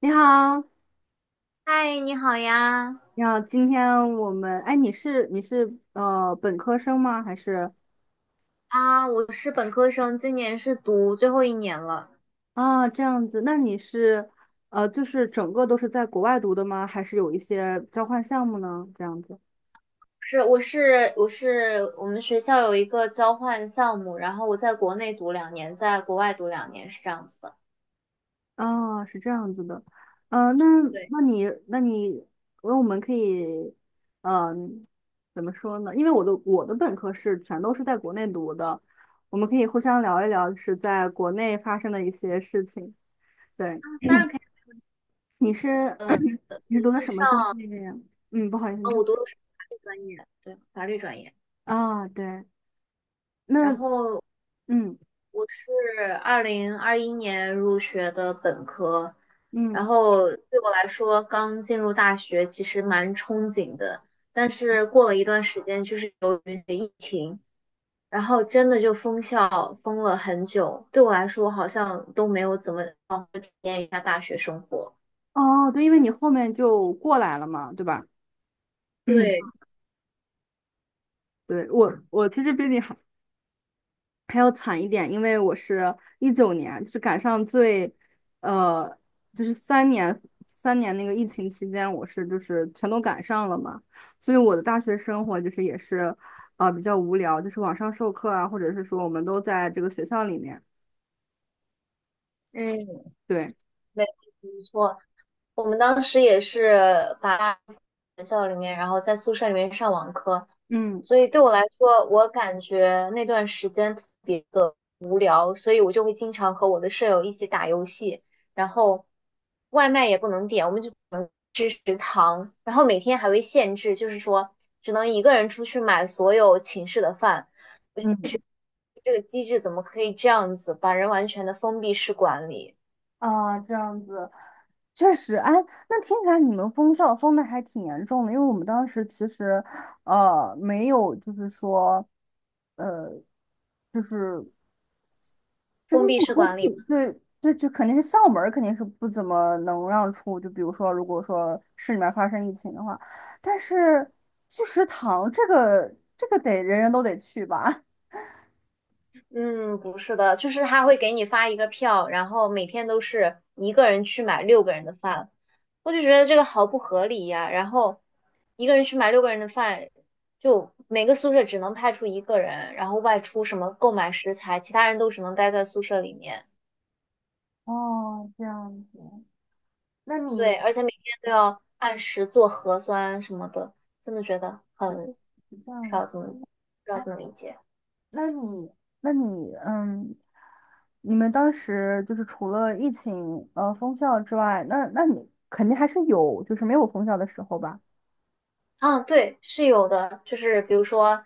你好，嗨，你好呀！你好，今天我们，哎，你是本科生吗？还是啊，我是本科生，今年是读最后一年了。啊这样子？那你是就是整个都是在国外读的吗？还是有一些交换项目呢？这样子是，我是我们学校有一个交换项目，然后我在国内读两年，在国外读两年，是这样子的。啊，是这样子的，那对，那你那我们可以，嗯、怎么说呢？因为我的本科是全都是在国内读的，我们可以互相聊一聊，就是在国内发生的一些事情。对。当然可以。你是 呃，我你是读的是什么上，专业呀？嗯，不好意思，你啊，说我读的是法律专业，对，法律专业。啊，对，那然后嗯我是2021年入学的本科，然嗯，后对我来说，刚进入大学其实蛮憧憬的，但是过了一段时间，就是由于疫情，然后真的就封校封了很久，对我来说好像都没有怎么体验一下大学生活。哦，对，因为你后面就过来了嘛，对吧？嗯，对，对，我其实比你还还要惨一点，因为我是一九年，就是赶上最呃，就是三年那个疫情期间，我是就是全都赶上了嘛，所以我的大学生活就是也是比较无聊，就是网上授课啊，或者是说我们都在这个学校里面，嗯，对。没没错，我们当时也是把。学校里面，然后在宿舍里面上网课，嗯。所以对我来说，我感觉那段时间特别无聊，所以我就会经常和我的舍友一起打游戏，然后外卖也不能点，我们就吃食堂，然后每天还会限制，就是说只能一个人出去买所有寝室的饭，嗯。这个机制怎么可以这样子把人完全的封闭式管理？啊，这样子，确实，哎，那听起来你们封校封的还挺严重的，因为我们当时其实，呃，没有，就是说，呃，就是就是封闭不式出管去，理。对，就肯定是校门儿肯定是不怎么能让出，就比如说，如果说市里面发生疫情的话，但是去食堂这个得人人都得去吧。嗯，不是的，就是他会给你发一个票，然后每天都是一个人去买六个人的饭，我就觉得这个好不合理呀。然后一个人去买六个人的饭，就每个宿舍只能派出一个人，然后外出什么购买食材，其他人都只能待在宿舍里面。哦，这样子，那你对，而且每天都要按时做核酸什么的，真的觉得很不这知样道子。怎么不知道怎么理解。那你，那你,你们当时就是除了疫情，封校之外，那你肯定还是有，就是没有封校的时候吧？啊，对，是有的，就是比如说，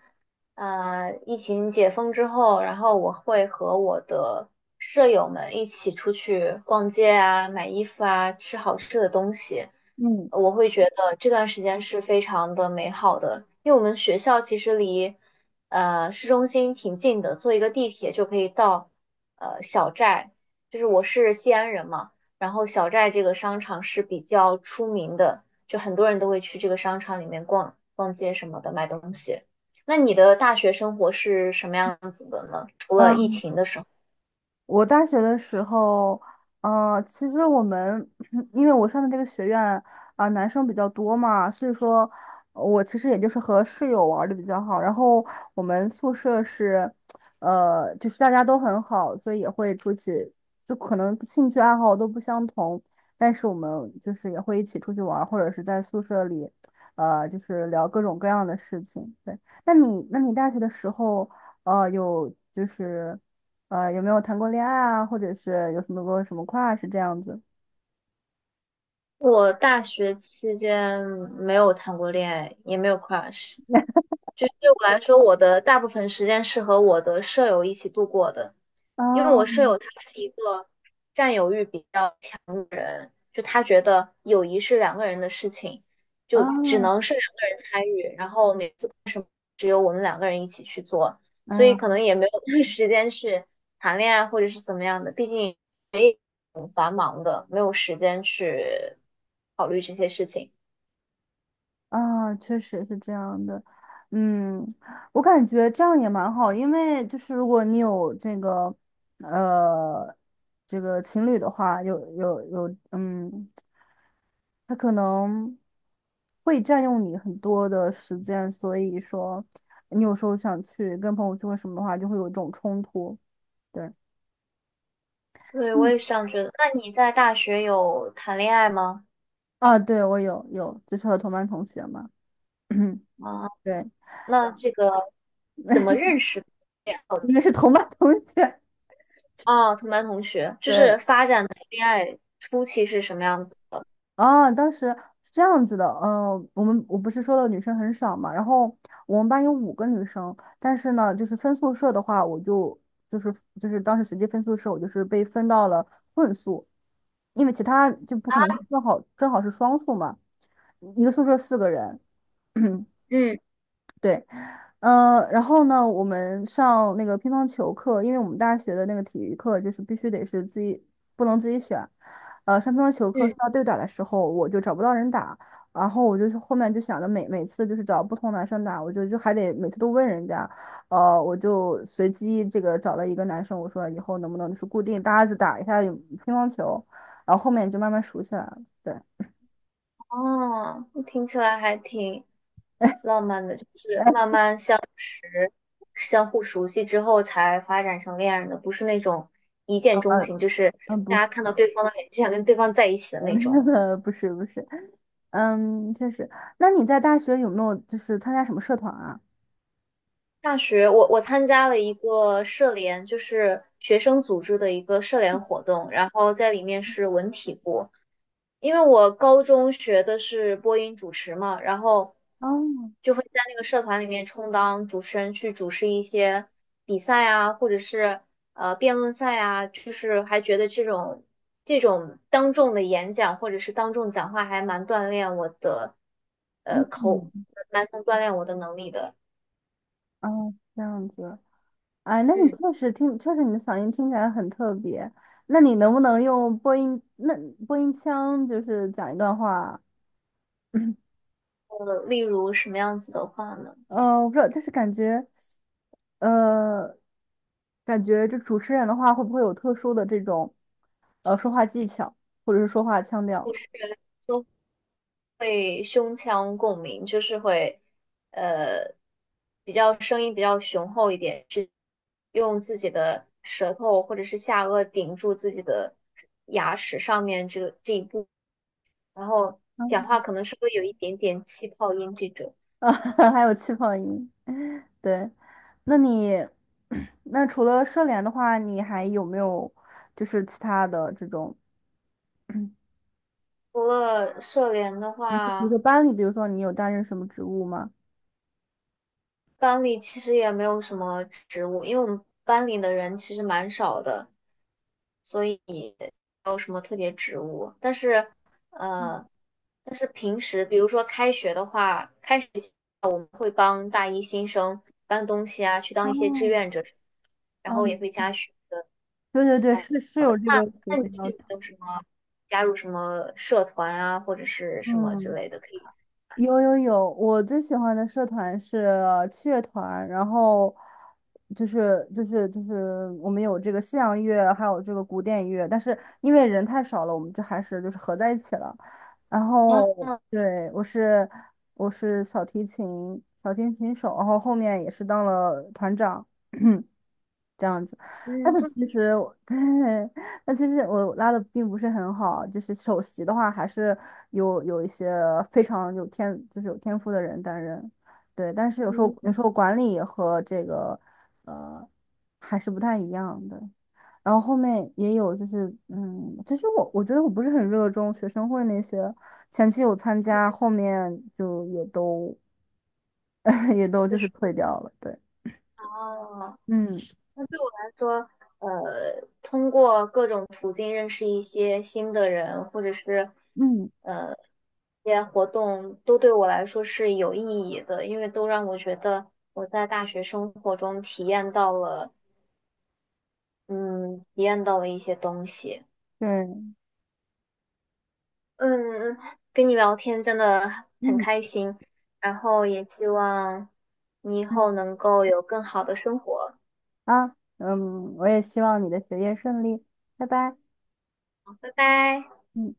疫情解封之后，然后我会和我的舍友们一起出去逛街啊，买衣服啊，吃好吃的东西。嗯，我会觉得这段时间是非常的美好的，因为我们学校其实离市中心挺近的，坐一个地铁就可以到小寨。就是我是西安人嘛，然后小寨这个商场是比较出名的。就很多人都会去这个商场里面逛逛街什么的，买东西。那你的大学生活是什么样子的呢？除了疫情的时候，我大学的时候，其实我们 因为我上的这个学院啊、男生比较多嘛，所以说我其实也就是和室友玩的比较好。然后我们宿舍是，就是大家都很好，所以也会出去，就可能兴趣爱好都不相同，但是我们就是也会一起出去玩儿，或者是在宿舍里，就是聊各种各样的事情。对，那你大学的时候，呃，有就是。呃，有没有谈过恋爱啊，或者是有什么过什么 crush 这样子？我大学期间没有谈过恋爱，也没有 crush。就是对我来说，我的大部分时间是和我的舍友一起度过的，因为我舍啊友他是一个占有欲比较强，就他觉得友谊是两个人的事情，就只能啊，是两个人参与，然后每次。只有我们两个人一起去做，所以可嗯，能也没有时间去谈恋爱或者是怎么样的，毕竟也挺繁忙的，没有时间去考虑这些事情。啊，确实是这样的。嗯，我感觉这样也蛮好，因为就是如果你有这个，呃，这个情侣的话，有有有，嗯，他可能会占用你很多的时间，所以说你有时候想去跟朋友聚会什么的话，就会有一种冲突。对。对，我也是这样觉得。那你在大学有谈恋爱吗？啊，对，我有，就是和同班同学嘛，啊，对，那这个怎么认识的呀？因为是同班同学，哦，同班同学，就对，是发展的恋爱初期是什么样子？啊，当时是这样子的，我们我不是说的女生很少嘛，然后我们班有五个女生，但是呢，就是分宿舍的话，我就是就是当时随机分宿舍，我就是被分到了混宿，因为其他就不可能是正好是双宿嘛，一个宿舍四个人，嗯对，然后呢，我们上那个乒乓球课，因为我们大学的那个体育课就是必须得是自己，不能自己选。上乒乓球课是嗯。要对打的时候，我就找不到人打，然后我就是后面就想着每次就是找不同男生打，我还得每次都问人家，我就随机这个找了一个男生，我说以后能不能就是固定搭子打一下乒乓球，然后后面就慢慢熟起来了。对，哦，那听起来还挺浪漫的，就是哎，慢慢相识、相互熟悉之后才发展成恋人的，不是那种一见呃，钟情，就是大不家是，看到对方的脸就想跟对方在一起的 那那种。个不是，不是。嗯，确实。那你在大学有没有就是参加什么社团啊？大学我参加了一个社联，就是学生组织的一个社联活动，然后在里面是文体部，因为我高中学的是播音主持嘛，然后哦，就会在那个社团里面充当主持人，去主持一些比赛啊，或者是辩论赛啊，就是还觉得这种当众的演讲或者是当众讲话还蛮锻炼我的呃口，嗯，蛮能锻炼我的能力的。哦，这样子。哎，那你嗯，确实听，确实你的嗓音听起来很特别。那你能不能用播音腔，就是讲一段话？例如什么样子的话呢？我不知道，就是感觉，呃，感觉这主持人的话会不会有特殊的这种，说话技巧，或者是说话腔调会胸腔共鸣，就是会呃比较声音比较雄厚一点，是用自己的舌头或者是下颚顶住自己的牙齿上面这一步，然后讲话可能是会有一点点气泡音这种。啊，还有气泡音？对，那你 那除了社联的话，你还有没有就是其他的这种，除了社联的比如话，说班里，比如说你有担任什么职务吗？班里其实也没有什么职务，因为我们班里的人其实蛮少的，所以没有什么特别职务。但是，呃，但是平时比如说开学的话，开学前我们会帮大一新生搬东西啊，去当一些志哦，愿者，然哦，后也会加学。对对对，哎，是是有这个学那你分要有求。没有什么加入什么社团啊，或者是什么之嗯，类的可以？有，我最喜欢的社团是器乐团，然后就是我们有这个西洋乐，还有这个古典乐，但是因为人太少了，我们就还是就是合在一起了。然啊，后对，我是小提琴手，然后后面也是当了团长。这样子。但嗯，是那其实我 对，但其实我拉的并不是很好，就是首席的话还是有一些非常有天，就是有天赋的人担任。对，但是有时候嗯，有时候管理和这个呃还是不太一样的。然后后面也有就是，嗯，其实我觉得我不是很热衷学生会那些，前期有参加，后面就也都 也都就是退掉了。对，哦。嗯那对通过各种途径认识一些新的人，或者是嗯，一些活动，都对我来说是有意义的，因为都让我觉得我在大学生活中体验到了，嗯，体验到了一些东西。对，嗯，跟你聊天真的很嗯开心，然后也希望你以嗯。后能够有更好的生活。啊，嗯，我也希望你的学业顺利，拜拜。拜拜。嗯。